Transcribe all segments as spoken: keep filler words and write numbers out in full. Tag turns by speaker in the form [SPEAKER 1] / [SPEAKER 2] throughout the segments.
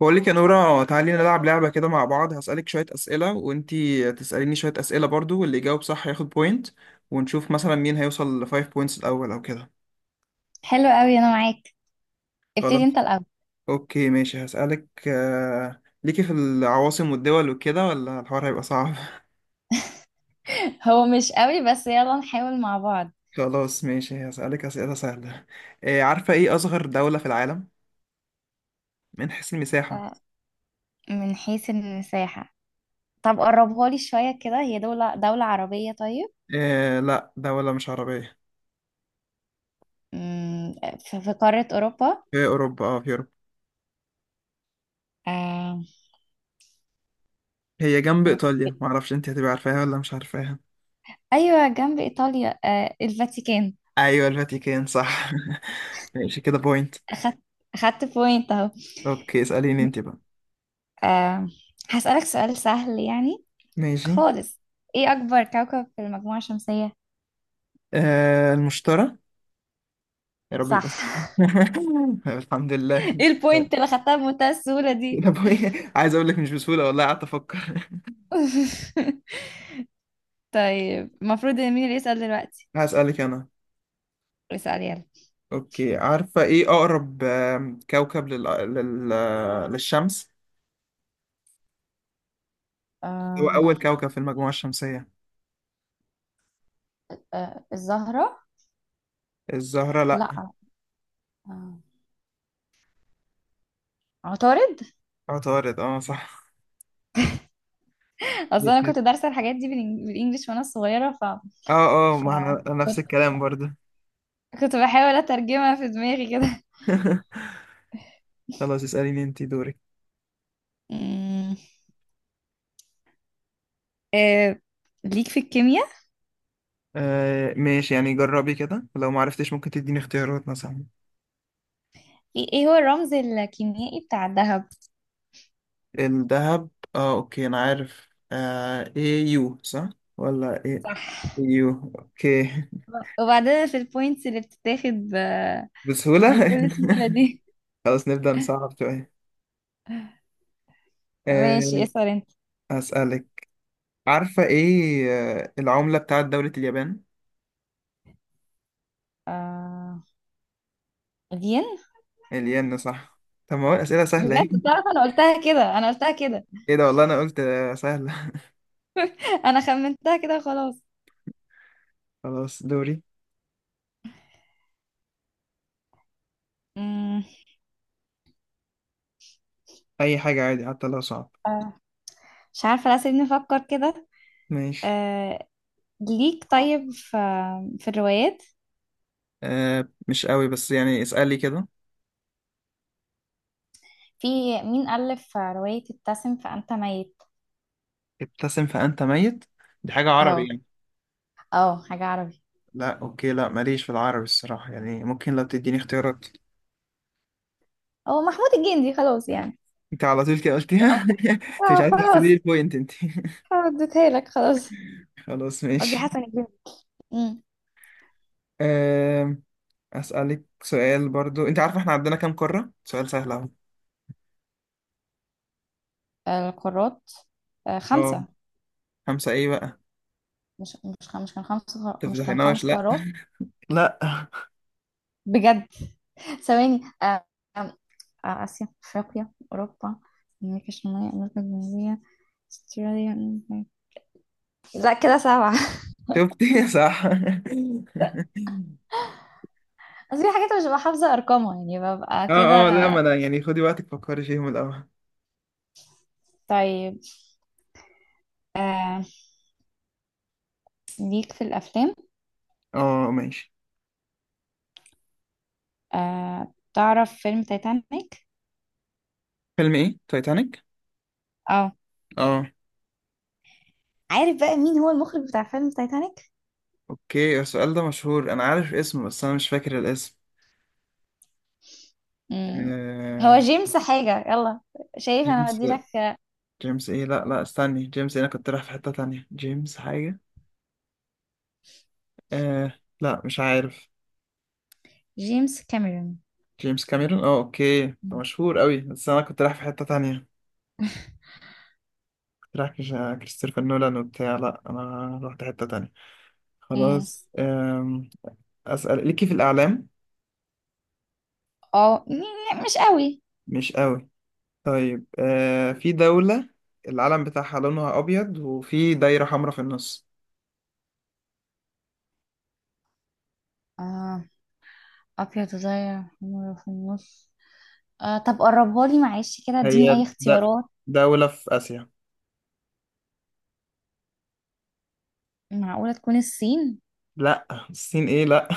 [SPEAKER 1] بقول لك يا نورة، تعالي نلعب لعبة كده مع بعض. هسألك شوية أسئلة وانتي تسأليني شوية أسئلة برضو، واللي يجاوب صح ياخد بوينت، ونشوف مثلا مين هيوصل لفايف بوينتس الأول أو كده.
[SPEAKER 2] حلو قوي انا معاك. ابتدي انت
[SPEAKER 1] خلاص
[SPEAKER 2] الاول.
[SPEAKER 1] أوكي ماشي، هسألك آه، ليكي في العواصم والدول وكده ولا الحوار هيبقى صعب؟
[SPEAKER 2] هو مش قوي، بس يلا نحاول مع بعض.
[SPEAKER 1] خلاص ماشي، هسألك أسئلة سهلة. آه، عارفة إيه أصغر دولة في العالم من حيث المساحة؟
[SPEAKER 2] آه، من حيث المساحة. طب قربها لي شوية كده، هي دولة دولة عربية طيب؟
[SPEAKER 1] آه، لا، دولة مش عربية.
[SPEAKER 2] مم، في في قارة أوروبا؟
[SPEAKER 1] في أوروبا، اه في أوروبا.
[SPEAKER 2] آه،
[SPEAKER 1] هي جنب
[SPEAKER 2] آه،
[SPEAKER 1] إيطاليا، معرفش انتي هتبقى عارفاها ولا مش عارفاها.
[SPEAKER 2] أيوة جنب إيطاليا، آه، الفاتيكان.
[SPEAKER 1] ايوه، الفاتيكان صح. ماشي، كده بوينت.
[SPEAKER 2] أخدت، أخدت بوينت أهو.
[SPEAKER 1] اوكي، اسأليني انت بقى.
[SPEAKER 2] آه، هسألك سؤال سهل يعني
[SPEAKER 1] ماشي.
[SPEAKER 2] خالص. إيه أكبر كوكب في المجموعة الشمسية؟
[SPEAKER 1] آه، المشترى. يا رب يبقى
[SPEAKER 2] صح.
[SPEAKER 1] صح. الحمد لله.
[SPEAKER 2] إيه البوينت اللي خدتها بمنتهى السهولة دي؟
[SPEAKER 1] كده بوينت. عايز اقول لك مش بسهولة والله، قعدت افكر.
[SPEAKER 2] طيب المفروض ان مين اللي يسأل دلوقتي؟
[SPEAKER 1] هسألك انا.
[SPEAKER 2] اسأل يلا.
[SPEAKER 1] اوكي، عارفة ايه اقرب آم، كوكب لل... لل... للشمس؟ هو
[SPEAKER 2] آه،
[SPEAKER 1] اول كوكب في المجموعة الشمسية.
[SPEAKER 2] آه الزهرة؟
[SPEAKER 1] الزهرة لا.
[SPEAKER 2] لا، آه، عطارد.
[SPEAKER 1] عطارد، اه صح.
[SPEAKER 2] اصل انا كنت دارسه الحاجات دي بالإنج- بالانجلش وانا صغيره، ف...
[SPEAKER 1] اه اه،
[SPEAKER 2] ف
[SPEAKER 1] ما احنا نفس
[SPEAKER 2] كنت
[SPEAKER 1] الكلام برضه.
[SPEAKER 2] كنت بحاول اترجمها في دماغي كده.
[SPEAKER 1] خلاص، اسأليني انت دورك.
[SPEAKER 2] أمم، آه، ليك في الكيمياء؟
[SPEAKER 1] آه ماشي، يعني جربي كده، لو ما عرفتش ممكن تديني اختيارات مثلا.
[SPEAKER 2] ايه إيه هو الرمز الكيميائي بتاع الذهب؟
[SPEAKER 1] الذهب. اه اوكي، انا عارف. آه ايه يو صح ولا ايه؟
[SPEAKER 2] صح.
[SPEAKER 1] يو. اوكي.
[SPEAKER 2] وبعدين في البوينتس اللي بتتاخد ب...
[SPEAKER 1] بسهولة.
[SPEAKER 2] بكل سهوله دي؟
[SPEAKER 1] خلاص، نبدأ نصعب شوية. آه.
[SPEAKER 2] ماشي، اسأل انت.
[SPEAKER 1] هسألك. عارفة ايه آه العملة بتاعت دولة اليابان؟
[SPEAKER 2] آه، الين.
[SPEAKER 1] الين صح. طب ما هو الأسئلة سهلة ايه.
[SPEAKER 2] بجد تعرف انا قلتها كده، انا قلتها كده،
[SPEAKER 1] ايه ده، والله انا قلت آه، سهلة.
[SPEAKER 2] انا خمنتها كده خلاص.
[SPEAKER 1] خلاص، دوري.
[SPEAKER 2] مم.
[SPEAKER 1] اي حاجة عادي، حتى لو صعب.
[SPEAKER 2] آه، مش عارفه، لا سيبني افكر كده.
[SPEAKER 1] ماشي.
[SPEAKER 2] آه، ليك طيب في، في الروايات؟
[SPEAKER 1] آه مش قوي، بس يعني اسألي كده.
[SPEAKER 2] في، مين ألف رواية ابتسم فأنت ميت؟
[SPEAKER 1] ابتسم فأنت ميت. دي حاجة عربي
[SPEAKER 2] اهو،
[SPEAKER 1] يعني؟
[SPEAKER 2] اه حاجة عربي.
[SPEAKER 1] لا أوكي، لا ماليش في العربي الصراحة، يعني ممكن لو تديني اختيارات.
[SPEAKER 2] هو محمود الجندي خلاص يعني.
[SPEAKER 1] أنت على طول كده قلتيها.
[SPEAKER 2] أوضح.
[SPEAKER 1] أنت مش
[SPEAKER 2] اه
[SPEAKER 1] عايز تحسبي لي
[SPEAKER 2] خلاص،
[SPEAKER 1] البوينت أنت.
[SPEAKER 2] اديتها لك خلاص.
[SPEAKER 1] خلاص
[SPEAKER 2] قصدي
[SPEAKER 1] ماشي.
[SPEAKER 2] حسن الجندي. امم.
[SPEAKER 1] أم، أسألك سؤال برضو، أنت عارفة إحنا عندنا كام قارة؟ سؤال سهل أهو.
[SPEAKER 2] القارات، آه،
[SPEAKER 1] أه.
[SPEAKER 2] خمسة.
[SPEAKER 1] خمسة إيه بقى؟
[SPEAKER 2] مش مش خ- مش كان خمس قار- مش كان
[SPEAKER 1] تفضحيناش،
[SPEAKER 2] خمس
[SPEAKER 1] لا،
[SPEAKER 2] قارات؟
[SPEAKER 1] لا.
[SPEAKER 2] بجد. ثواني. آه، آم، آه، آسيا، أفريقيا، أوروبا، أمريكا الشمالية، أمريكا الجنوبية، أستراليا. لا كده سبعة.
[SPEAKER 1] شفتي؟ صح.
[SPEAKER 2] بس في حاجات مش ببقى حافظة أرقامها يعني، ببقى كده.
[SPEAKER 1] اه اه لا، ما انا يعني خدي وقتك، فكري فيهم الاول.
[SPEAKER 2] طيب، آه، ليك في الأفلام؟
[SPEAKER 1] اه ماشي.
[SPEAKER 2] آه، تعرف فيلم تايتانيك؟
[SPEAKER 1] فيلم ايه؟ تايتانيك.
[SPEAKER 2] اه،
[SPEAKER 1] اه
[SPEAKER 2] عارف بقى مين هو المخرج بتاع فيلم تايتانيك؟
[SPEAKER 1] اوكي، السؤال ده مشهور، انا عارف اسمه بس انا مش فاكر الاسم.
[SPEAKER 2] مم. هو
[SPEAKER 1] آه...
[SPEAKER 2] جيمس حاجة، يلا. شايف أنا
[SPEAKER 1] جيمس.
[SPEAKER 2] بديلك. آه،
[SPEAKER 1] جيمس ايه؟ لا لا، استني، جيمس إيه؟ انا كنت رايح في حتة تانية، جيمس حاجة. آه... لا مش عارف.
[SPEAKER 2] جيمس كاميرون.
[SPEAKER 1] جيمس كاميرون، اه اوكي، ده
[SPEAKER 2] مم.
[SPEAKER 1] مشهور قوي، بس انا كنت رايح في حتة تانية. كنت رايح كش- كريستوفر نولان وبتاع، لا انا رحت حتة تانية.
[SPEAKER 2] مم.
[SPEAKER 1] خلاص آم... اسأل، ليكي في الاعلام؟
[SPEAKER 2] اه، م- م- مش قوي.
[SPEAKER 1] مش قوي. طيب آه... في دولة العلم بتاعها لونها ابيض وفي دايرة حمراء في النص.
[SPEAKER 2] آه، أبيض زي حمرا في النص؟ آه طب قربها لي معلش كده،
[SPEAKER 1] هي
[SPEAKER 2] اديني أي
[SPEAKER 1] د-
[SPEAKER 2] اختيارات.
[SPEAKER 1] دولة في آسيا.
[SPEAKER 2] معقولة تكون الصين؟
[SPEAKER 1] لا، الصين ايه، لا.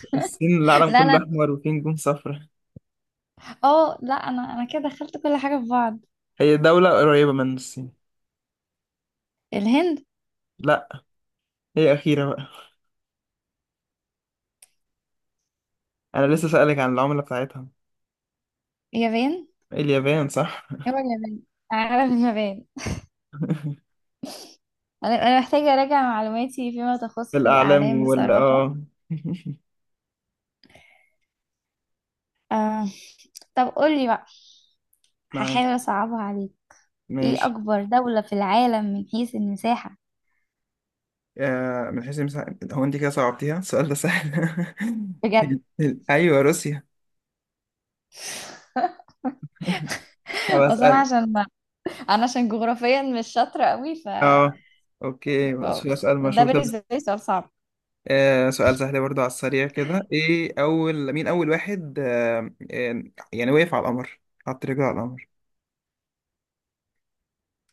[SPEAKER 1] الصين العالم
[SPEAKER 2] لا
[SPEAKER 1] كله
[SPEAKER 2] لا،
[SPEAKER 1] أحمر وفيه نجوم صفرا.
[SPEAKER 2] اه لا أنا، أنا كده دخلت كل حاجة في بعض.
[SPEAKER 1] هي دولة قريبة من الصين.
[SPEAKER 2] الهند؟
[SPEAKER 1] لا. هي أخيرة بقى، أنا لسه سألك عن العملة بتاعتها.
[SPEAKER 2] اليابان.
[SPEAKER 1] إيه، اليابان صح.
[SPEAKER 2] هو اليابان. عالم اليابان. أنا، أنا محتاجة أراجع معلوماتي فيما تخص
[SPEAKER 1] الأعلام
[SPEAKER 2] الأعلام
[SPEAKER 1] وال
[SPEAKER 2] بصراحة.
[SPEAKER 1] اه.
[SPEAKER 2] آه، طب قولي بقى.
[SPEAKER 1] معاك.
[SPEAKER 2] هحاول أصعبها عليك. إيه
[SPEAKER 1] ماشي.
[SPEAKER 2] أكبر دولة في العالم من حيث المساحة؟
[SPEAKER 1] آه من حيث المساحة، هو أنت كده صعبتيها؟ السؤال ده سهل.
[SPEAKER 2] بجد.
[SPEAKER 1] أيوة، روسيا. طب
[SPEAKER 2] اصل انا
[SPEAKER 1] أسأل.
[SPEAKER 2] عشان ما، انا عشان جغرافيا مش شاطره قوي، ف
[SPEAKER 1] اه اوكي،
[SPEAKER 2] اه.
[SPEAKER 1] سؤال
[SPEAKER 2] ده
[SPEAKER 1] مشهور طب.
[SPEAKER 2] بالنسبة لي سؤال صعب.
[SPEAKER 1] آه سؤال سهل برضو، على السريع كده، ايه اول مين، اول واحد آه آه، يعني وقف على القمر، حط رجله على القمر؟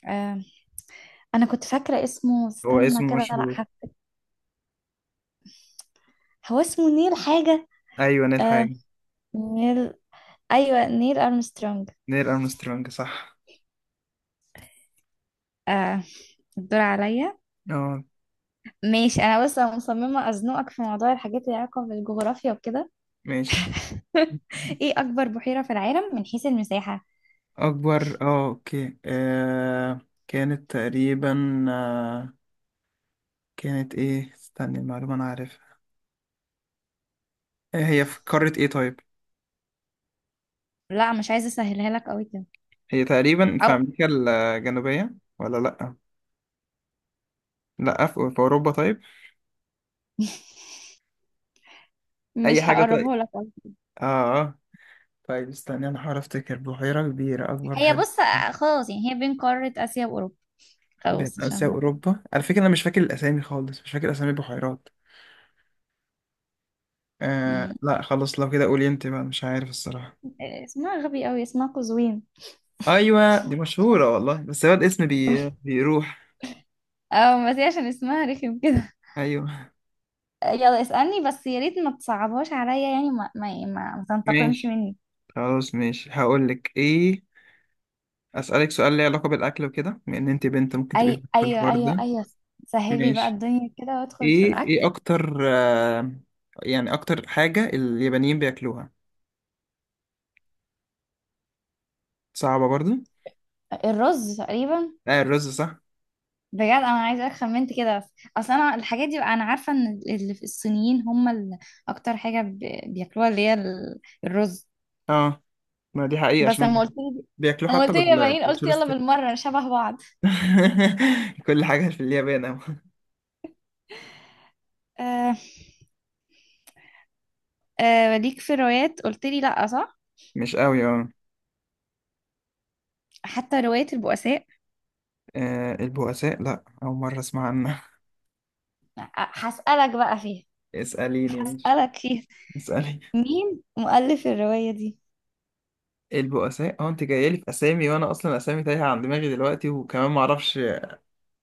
[SPEAKER 2] آه. أنا كنت فاكرة اسمه،
[SPEAKER 1] هو
[SPEAKER 2] استنى
[SPEAKER 1] اسمه
[SPEAKER 2] كده، لأ
[SPEAKER 1] مشهور.
[SPEAKER 2] هفتكر. هو اسمه نيل حاجة.
[SPEAKER 1] ايوه، نيل
[SPEAKER 2] آه.
[SPEAKER 1] حاجة.
[SPEAKER 2] نيل، أيوة نيل أرمسترونج.
[SPEAKER 1] نيل ارمسترونج صح.
[SPEAKER 2] آه. الدور عليا.
[SPEAKER 1] اه
[SPEAKER 2] ماشي، أنا بس أنا مصممة أزنقك في موضوع الحاجات اللي علاقة بالجغرافيا وكده.
[SPEAKER 1] ماشي.
[SPEAKER 2] إيه أكبر بحيرة في العالم من حيث المساحة؟
[SPEAKER 1] اكبر، اه اوكي، آه كانت تقريبا، آه كانت ايه، استني، المعلومة انا عارفها. آه، هي في قارة ايه طيب؟
[SPEAKER 2] لا مش عايزة أسهلها لك أوي كده.
[SPEAKER 1] هي تقريبا في
[SPEAKER 2] أو
[SPEAKER 1] امريكا الجنوبية ولا لا؟ لا، في في اوروبا طيب؟ اي
[SPEAKER 2] مش
[SPEAKER 1] حاجة طيب.
[SPEAKER 2] هقربه لك أوي.
[SPEAKER 1] اه آه. طيب استنى، انا هحاول افتكر بحيرة كبيرة، اكبر
[SPEAKER 2] هي
[SPEAKER 1] بحيرة.
[SPEAKER 2] بص، آه، خلاص يعني هي بين قارة آسيا وأوروبا.
[SPEAKER 1] بين
[SPEAKER 2] خلاص
[SPEAKER 1] اسيا
[SPEAKER 2] عشان،
[SPEAKER 1] واوروبا؟ على فكرة انا مش فاكر الاسامي خالص، مش فاكر اسامي البحيرات. آه لا خلاص، لو كده قولي انت بقى، مش عارف الصراحة.
[SPEAKER 2] آه، اسمها غبي أوي، اسمها قزوين.
[SPEAKER 1] ايوه، دي مشهورة والله، بس هو الاسم بي... بيروح.
[SPEAKER 2] أو بس هي عشان اسمها رخم كده.
[SPEAKER 1] ايوه.
[SPEAKER 2] آه، يلا اسألني بس يا ريت ما تصعبهاش عليا يعني ما ما ما, ما تنتقمش
[SPEAKER 1] ماشي.
[SPEAKER 2] مني.
[SPEAKER 1] خلاص ماشي، هقول لك ايه. اسالك سؤال ليه علاقة بالاكل وكده، بما ان انت بنت ممكن تبقى
[SPEAKER 2] أي
[SPEAKER 1] في
[SPEAKER 2] أيوة
[SPEAKER 1] الحوار
[SPEAKER 2] أيوة
[SPEAKER 1] ده.
[SPEAKER 2] أيوة. سهلي بقى
[SPEAKER 1] ماشي.
[SPEAKER 2] الدنيا كده وادخل في
[SPEAKER 1] ايه
[SPEAKER 2] الأكل.
[SPEAKER 1] ايه اكتر، آه يعني اكتر حاجة اليابانيين بياكلوها؟ صعبة برضو.
[SPEAKER 2] الرز تقريبا.
[SPEAKER 1] آه، الرز صح.
[SPEAKER 2] بجد أنا عايزة خمنت كده بس. أصل أنا الحاجات دي بقى، أنا عارفة إن اللي في الصينيين هم اللي أكتر حاجة ب- بياكلوها اللي هي ال- الرز.
[SPEAKER 1] اه، ما دي حقيقة،
[SPEAKER 2] بس
[SPEAKER 1] عشان هم
[SPEAKER 2] لما قلت لي،
[SPEAKER 1] بياكلوه
[SPEAKER 2] لما
[SPEAKER 1] حتى
[SPEAKER 2] قلت لي يا
[SPEAKER 1] بال-
[SPEAKER 2] بنين قلت يلا
[SPEAKER 1] بالتورستيك.
[SPEAKER 2] بالمرة شبه بعض.
[SPEAKER 1] كل حاجة في اليابان أوي.
[SPEAKER 2] أه، آه ليك في الروايات؟ قلت لي لا، صح؟
[SPEAKER 1] مش أوي، اه.
[SPEAKER 2] حتى رواية البؤساء.
[SPEAKER 1] آه، البؤساء، لا أول مرة أسمع عنها.
[SPEAKER 2] هسألك بقى فيها.
[SPEAKER 1] اسأليني ماشي.
[SPEAKER 2] هسألك فيها،
[SPEAKER 1] اسألي.
[SPEAKER 2] مين مؤلف الرواية دي؟
[SPEAKER 1] البؤساء، اه أنت جاية لي في أسامي، وأنا أصلا أسامي تايهة عن دماغي دلوقتي، وكمان معرفش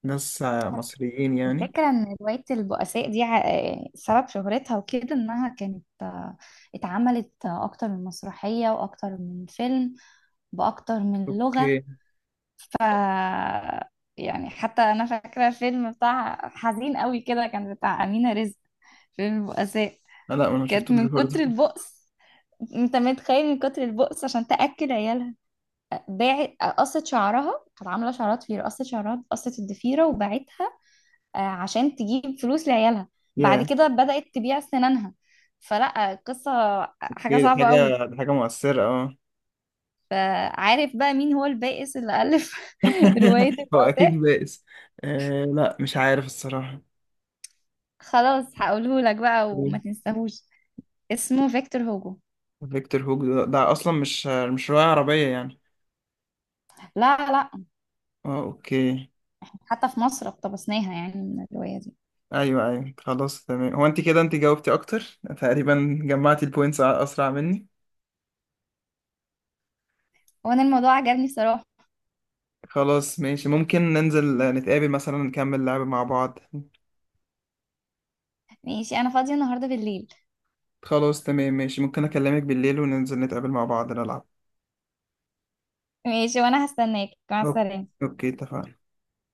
[SPEAKER 1] ناس آه، مصريين يعني.
[SPEAKER 2] الفكرة ان رواية البؤساء دي ع- آه، سبب شهرتها وكده انها كانت، آه، اتعملت آه، اكتر من مسرحية واكتر من فيلم، باكتر من لغة.
[SPEAKER 1] أوكي.
[SPEAKER 2] ف يعني حتى انا فاكرة الفيلم بتاع حزين قوي كده كان بتاع أمينة رزق، فيلم البؤساء.
[SPEAKER 1] آه، لا أنا
[SPEAKER 2] كانت
[SPEAKER 1] شفتوش
[SPEAKER 2] من كتر
[SPEAKER 1] برضه.
[SPEAKER 2] البؤس، انت متخيل من كتر البؤس عشان تاكل عيالها، باعت، قصت شعرها، كانت عامله شعرات في قصت شعرها، قصت الضفيره وباعتها، آه، عشان تجيب فلوس لعيالها. بعد
[SPEAKER 1] يا.
[SPEAKER 2] كده بدات تبيع سنانها. فلا قصه، حاجه
[SPEAKER 1] إيه دي،
[SPEAKER 2] صعبه قوي.
[SPEAKER 1] حاجة، دي حاجة مؤثرة اه.
[SPEAKER 2] فعارف بقى مين هو البائس اللي الف روايه
[SPEAKER 1] هو أكيد
[SPEAKER 2] البؤساء؟
[SPEAKER 1] بائس. آه لا مش عارف الصراحة.
[SPEAKER 2] خلاص هقوله لك بقى وما تنساهوش. اسمه فيكتور هوجو.
[SPEAKER 1] فيكتور هوج، ده, ده اصلا مش مش رواية عربية يعني.
[SPEAKER 2] لا لا.
[SPEAKER 1] اه اوكي.
[SPEAKER 2] حتى في مصر اقتبسناها يعني من الروايه دي.
[SPEAKER 1] ايوه ايوه، خلاص تمام، هو انت كده انت جاوبتي اكتر تقريبا، جمعتي البوينتس اسرع مني.
[SPEAKER 2] وانا الموضوع عجبني صراحه.
[SPEAKER 1] خلاص ماشي، ممكن ننزل آه، نتقابل مثلا، نكمل لعب مع بعض.
[SPEAKER 2] ماشي انا فاضيه النهارده بالليل.
[SPEAKER 1] خلاص تمام ماشي، ممكن اكلمك بالليل وننزل نتقابل مع بعض نلعب.
[SPEAKER 2] ماشي، وانا هستناك، مع
[SPEAKER 1] أوك-
[SPEAKER 2] السلامة.
[SPEAKER 1] اوكي اتفقنا.